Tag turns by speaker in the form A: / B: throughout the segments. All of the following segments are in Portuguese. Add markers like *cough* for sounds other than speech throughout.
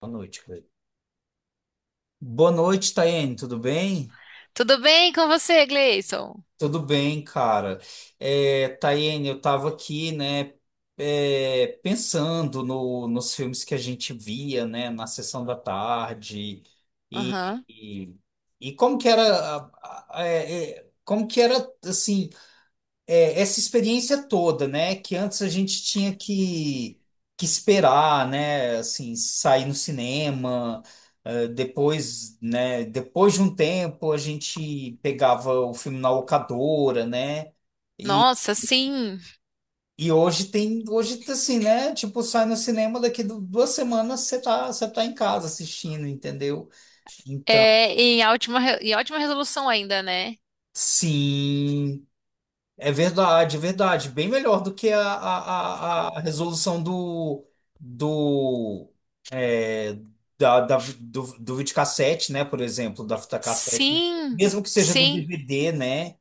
A: Boa noite, Cleiton. Boa noite, Taiane, tudo bem?
B: Tudo bem com você, Gleison?
A: Tudo bem, cara. Taiane, eu tava aqui, né, pensando nos filmes que a gente via, né, na sessão da tarde e,
B: Aham.
A: e, e como que era, como que era, assim, essa experiência toda, né? Que antes a gente tinha que esperar, né? Assim, sair no cinema, depois, né? Depois de um tempo a gente pegava o filme na locadora, né? E,
B: Nossa, sim.
A: e hoje tem, hoje assim, né? Tipo, sai no cinema daqui duas semanas você tá em casa assistindo, entendeu? Então,
B: Em ótima resolução ainda, né?
A: sim. É verdade, é verdade. Bem melhor do que a resolução do, é, do videocassete, né? Por exemplo, da fita cassete, né?
B: Sim,
A: Mesmo que seja do
B: sim,
A: DVD, né?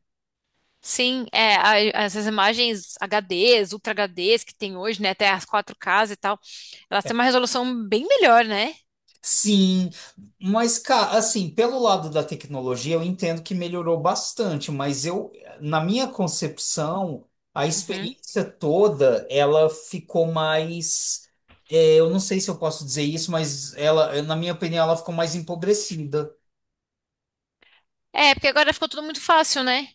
B: sim. Essas imagens HDs, Ultra HDs que tem hoje, né? Até as 4Ks e tal, elas têm uma resolução bem melhor, né?
A: Sim, mas cara, assim, pelo lado da tecnologia, eu entendo que melhorou bastante, mas eu, na minha concepção, a
B: Uhum.
A: experiência toda, ela ficou mais, eu não sei se eu posso dizer isso, mas ela, na minha opinião, ela ficou mais empobrecida.
B: É, porque agora ficou tudo muito fácil, né?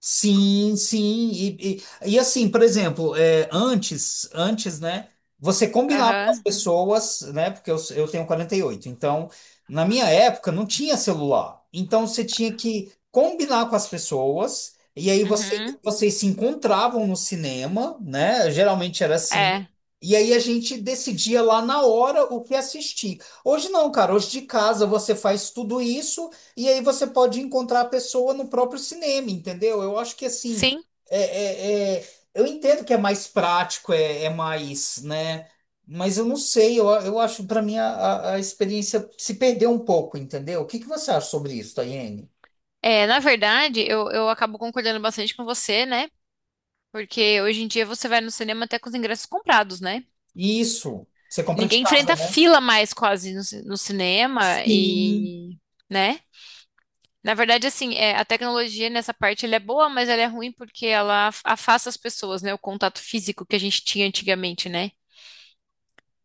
A: Sim, sim. E assim, por exemplo, antes, né? Você combinava com as
B: Aham.
A: pessoas, né? Porque eu tenho 48. Então, na minha época, não tinha celular. Então, você tinha que combinar com as pessoas. E aí,
B: Uhum.
A: vocês se encontravam no cinema, né? Geralmente era assim.
B: É.
A: E aí, a gente decidia lá na hora o que assistir. Hoje não, cara. Hoje de casa você faz tudo isso. E aí você pode encontrar a pessoa no próprio cinema, entendeu? Eu acho que assim,
B: Sim.
A: é, é- é- eu entendo que é mais prático, é mais, né? Mas eu não sei, eu acho, para mim, a experiência se perdeu um pouco, entendeu? O que que você acha sobre isso, Tayene?
B: É, na verdade, eu acabo concordando bastante com você, né? Porque hoje em dia você vai no cinema até com os ingressos comprados, né?
A: Isso, você compra de
B: Ninguém
A: casa,
B: enfrenta
A: né?
B: fila mais quase no cinema
A: Sim.
B: né? Na verdade, assim, a tecnologia nessa parte ela é boa, mas ela é ruim porque ela afasta as pessoas, né? O contato físico que a gente tinha antigamente, né?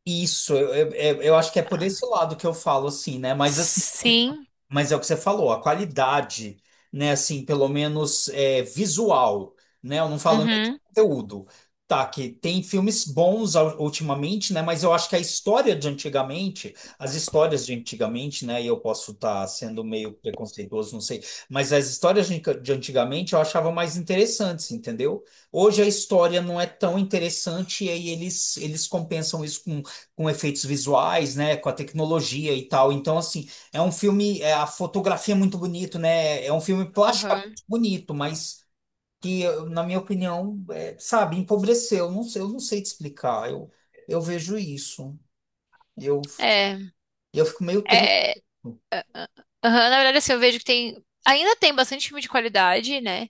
A: Isso, eu eu acho que é por
B: Ah.
A: esse lado que eu falo, assim, né? Mas assim,
B: Sim.
A: mas é o que você falou, a qualidade, né, assim, pelo menos visual, né, eu não falo nem de
B: Uhum.
A: conteúdo, tá, que tem filmes bons ultimamente, né, mas eu acho que a história de antigamente, as histórias de antigamente, né, e eu posso estar sendo meio preconceituoso, não sei, mas as histórias de antigamente eu achava mais interessantes, entendeu? Hoje a história não é tão interessante e aí eles compensam isso com efeitos visuais, né, com a tecnologia e tal, então, assim, é um filme, é, a fotografia é muito bonito, né? É um filme plasticamente
B: Aham.
A: bonito, mas que, na minha opinião, é, sabe, empobreceu. Não sei, eu não sei te explicar. Eu vejo isso. Eu,
B: É.
A: eu fico meio triste.
B: É. aham, Na verdade, assim, eu vejo que tem. Ainda tem bastante filme de qualidade, né?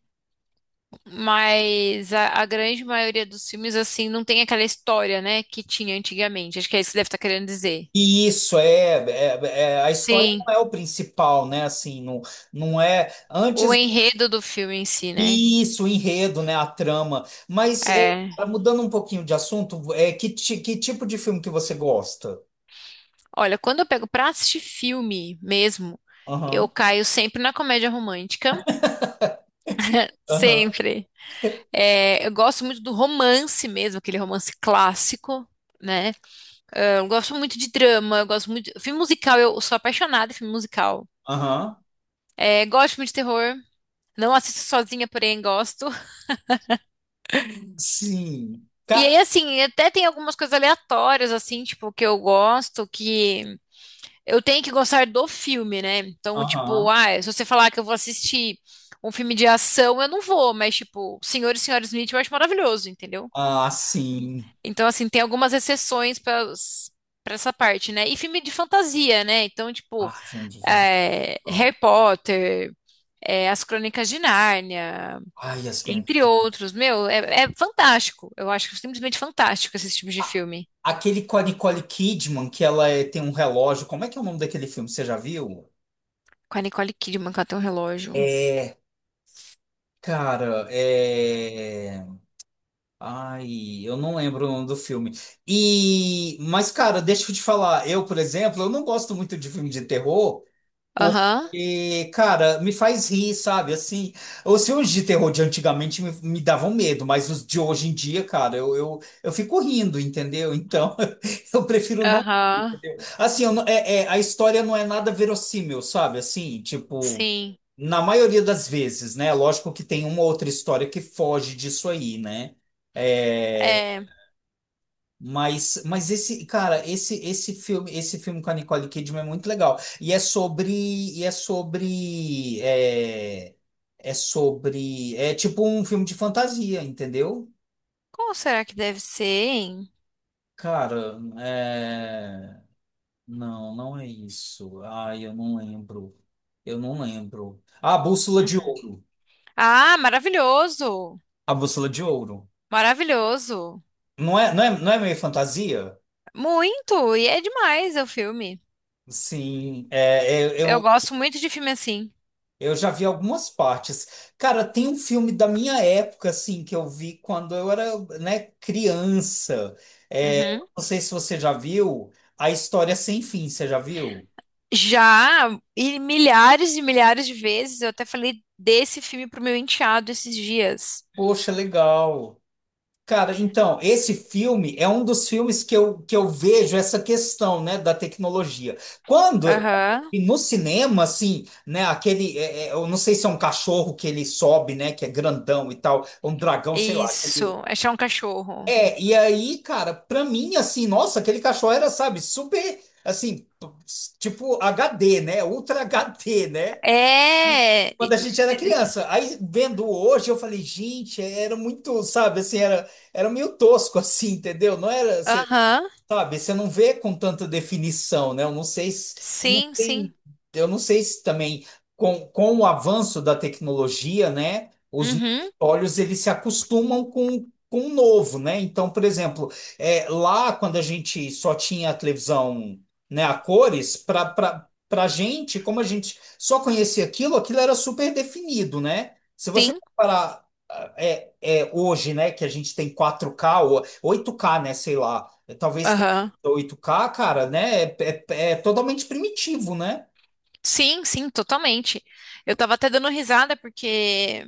B: Mas a grande maioria dos filmes, assim, não tem aquela história, né, que tinha antigamente. Acho que é isso que você deve estar querendo dizer.
A: E isso é, é, é- a história
B: Sim.
A: não é o principal, né? Assim, não, não é
B: O
A: antes
B: enredo do filme em si, né?
A: isso, o enredo, né? A trama. Mas é,
B: É.
A: mudando um pouquinho de assunto, é que, que tipo de filme que você gosta?
B: Olha, quando eu pego pra assistir filme mesmo, eu
A: Aham,
B: caio sempre na comédia romântica.
A: aham,
B: Sempre. É, eu gosto muito do romance mesmo, aquele romance clássico, né? É, eu gosto muito de drama, eu gosto muito. Filme musical, eu sou apaixonada em filme musical.
A: aham.
B: É, gosto muito de terror. Não assisto sozinha, porém gosto.
A: Sim.
B: E
A: Ca...
B: aí, assim, até tem algumas coisas aleatórias, assim, tipo, que eu gosto, que. Eu tenho que gostar do filme, né? Então, tipo,
A: Aham.
B: ah, se você falar que eu vou assistir um filme de ação, eu não vou, mas, tipo, Senhor e Senhora Smith eu acho maravilhoso, entendeu?
A: Ah, sim.
B: Então, assim, tem algumas exceções para essa parte, né? E filme de fantasia, né? Então,
A: Ah,
B: tipo,
A: filme de fantástico.
B: Harry Potter, As Crônicas de Nárnia,
A: Ai, as
B: entre
A: crônicas.
B: outros. Meu, é fantástico. Eu acho simplesmente fantástico esse tipo de
A: Ah,
B: filme.
A: aquele com a Nicole Kidman, que ela tem um relógio. Como é que é o nome daquele filme? Você já viu?
B: Com a Nicole Kidman, que ela tem um relógio.
A: É, cara, é. Ai, eu não lembro o nome do filme. E, mas, cara, deixa eu te falar. Eu, por exemplo, eu não gosto muito de filme de terror.
B: Aham,
A: E, cara, me faz rir, sabe? Assim, os filmes de terror de antigamente me davam medo, mas os de hoje em dia, cara, eu fico rindo, entendeu? Então, *laughs* eu prefiro não.
B: aham,
A: Assim, eu não- é, é, a história não é nada verossímil, sabe? Assim, tipo,
B: sim.
A: na maioria das vezes, né? Lógico que tem uma outra história que foge disso aí, né? É,
B: É.
A: mas esse, cara, esse filme com a Nicole Kidman é muito legal. E é sobre, é sobre, é tipo um filme de fantasia, entendeu?
B: Como será que deve ser, hein?
A: Cara, é... não, não é isso. Ai, eu não lembro. Eu não lembro. Ah, Bússola de
B: Uhum.
A: Ouro.
B: Ah, maravilhoso!
A: A Bússola de Ouro.
B: Maravilhoso!
A: Não é, não é, não é meio fantasia?
B: Muito! E é demais o filme.
A: Sim, é, é,
B: Eu
A: eu,
B: gosto muito de filme assim.
A: Eu já vi algumas partes. Cara, tem um filme da minha época, assim, que eu vi quando eu era, né, criança. É,
B: Uhum.
A: não sei se você já viu A História Sem Fim, você já viu?
B: Já, e milhares de vezes, eu até falei desse filme pro meu enteado esses dias.
A: Poxa, legal. Cara, então, esse filme é um dos filmes que que eu vejo essa questão, né, da tecnologia. Quando,
B: Aham.
A: e no cinema, assim, né, aquele, eu não sei se é um cachorro que ele sobe, né, que é grandão e tal, um dragão, sei lá, aquele.
B: Isso. Achar um cachorro.
A: É, e aí, cara, pra mim, assim, nossa, aquele cachorro era, sabe, super, assim, tipo HD, né? Ultra HD, né? E
B: É.
A: quando a gente era
B: E-
A: criança. Aí, vendo hoje, eu falei, gente, era muito, sabe, assim, era, era meio tosco, *laughs* assim, entendeu? Não era.
B: Aham.
A: Sabe, você não vê com tanta definição, né? Eu não
B: Sim, sim.
A: sei, eu não sei se também com o avanço da tecnologia, né? Os
B: Uhum.
A: olhos eles se acostumam com o novo, né? Então, por exemplo, é, lá quando a gente só tinha a televisão, né, a cores, para gente, como a gente só conhecia aquilo, aquilo era super definido, né? Se você
B: Sim.
A: comparar hoje, né, que a gente tem 4K ou 8K né, sei lá. É, talvez tenha
B: Aham.
A: 8K cara, né? É totalmente primitivo, né?
B: Sim, sim, totalmente. Eu tava até dando risada porque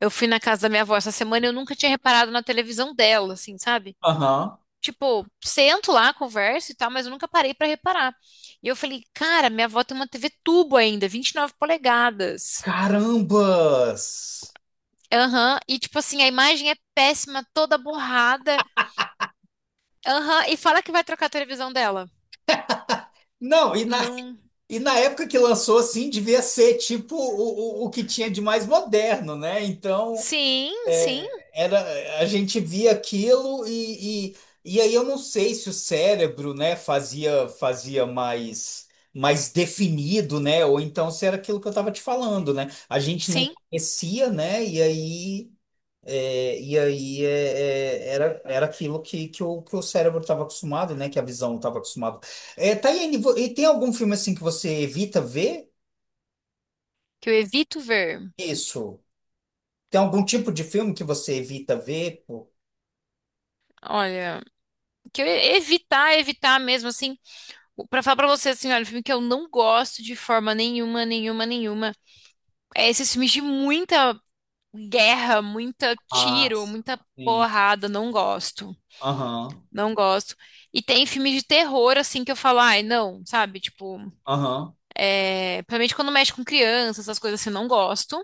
B: eu fui na casa da minha avó essa semana e eu nunca tinha reparado na televisão dela, assim, sabe?
A: Aham.
B: Tipo, sento lá, converso e tal, mas eu nunca parei pra reparar. E eu falei, cara, minha avó tem uma TV tubo ainda, 29 polegadas.
A: Carambas!
B: Aham, e tipo assim, a imagem é péssima, toda borrada. Aham, e fala que vai trocar a televisão dela.
A: Não,
B: Não.
A: e na época que lançou, assim, devia ser tipo o que tinha de mais moderno, né? Então,
B: Sim, sim,
A: é, era, a gente via aquilo e aí eu não sei se o cérebro, né, fazia fazia mais mais definido, né, ou então se era aquilo que eu estava te falando, né? A gente não
B: sim.
A: conhecia, né? E aí era aquilo que o cérebro estava acostumado, né? Que a visão estava acostumada. É, Taiane, e tem algum filme assim que você evita ver?
B: Que eu evito ver.
A: Isso. Tem algum tipo de filme que você evita ver? Pô?
B: Olha, que eu evitar, evitar mesmo assim. Pra falar pra você, assim, olha, um filme que eu não gosto de forma nenhuma, nenhuma, nenhuma. É esses filmes de muita guerra, muita
A: Ah,
B: tiro, muita
A: sim.
B: porrada, não gosto.
A: Aham,
B: Não gosto. E tem filmes de terror, assim, que eu falo, ai, não, sabe? Tipo,
A: aham,
B: principalmente quando mexe com criança, essas coisas assim, não gosto.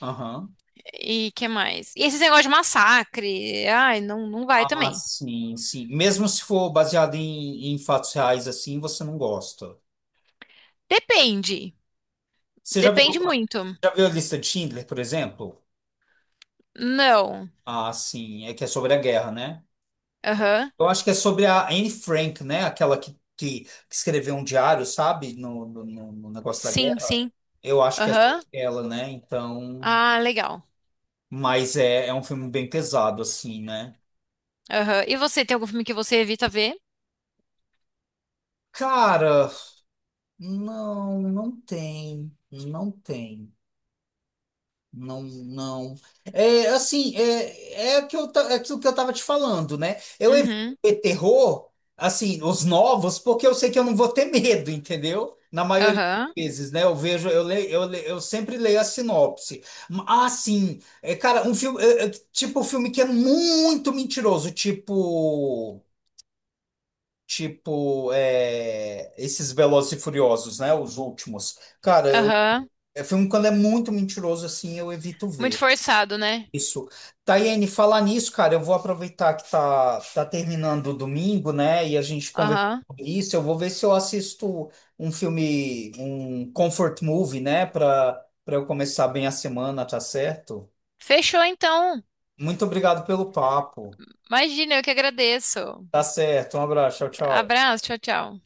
A: aham.
B: E que mais? E esses negócios de massacre, ai, não, não vai
A: Ah,
B: também.
A: sim, sim. Mesmo se for baseado em, em fatos reais assim, você não gosta.
B: Depende.
A: Você já viu,
B: Depende muito.
A: já viu a lista de Schindler, por exemplo?
B: Não.
A: Ah, sim, é que é sobre a guerra, né?
B: Aham.
A: Eu acho que é sobre a Anne Frank, né? Aquela que escreveu um diário, sabe? No negócio da
B: Sim,
A: guerra.
B: sim.
A: Eu acho que é
B: Aham.
A: sobre ela, né? Então.
B: Ah, legal.
A: Mas é, é um filme bem pesado, assim, né?
B: Aham. E você, tem algum filme que você evita ver?
A: Cara, não, não tem. Não tem. Não, não. É assim, o que eu, é aquilo que eu tava te falando, né? Eu evito
B: Uhum.
A: terror, assim, os novos, porque eu sei que eu não vou ter medo, entendeu? Na maioria das
B: Aham.
A: vezes, né? Eu vejo, eu leio, eu sempre leio a sinopse. Ah, sim, é, cara, um filme, um filme que é muito mentiroso, tipo, esses Velozes e Furiosos, né? Os últimos. Cara, eu,
B: Aham.
A: é filme quando é muito mentiroso, assim, eu evito
B: Muito
A: ver.
B: forçado, né?
A: Isso. Taiane, falar nisso, cara, eu vou aproveitar que tá terminando o domingo, né? E a gente conversou
B: Aham.
A: sobre isso. Eu vou ver se eu assisto um filme, um comfort movie, né? Para eu começar bem a semana, tá certo?
B: Fechou então.
A: Muito obrigado pelo papo.
B: Imagina, eu que agradeço.
A: Tá certo. Um abraço. Tchau, tchau.
B: Abraço, tchau, tchau.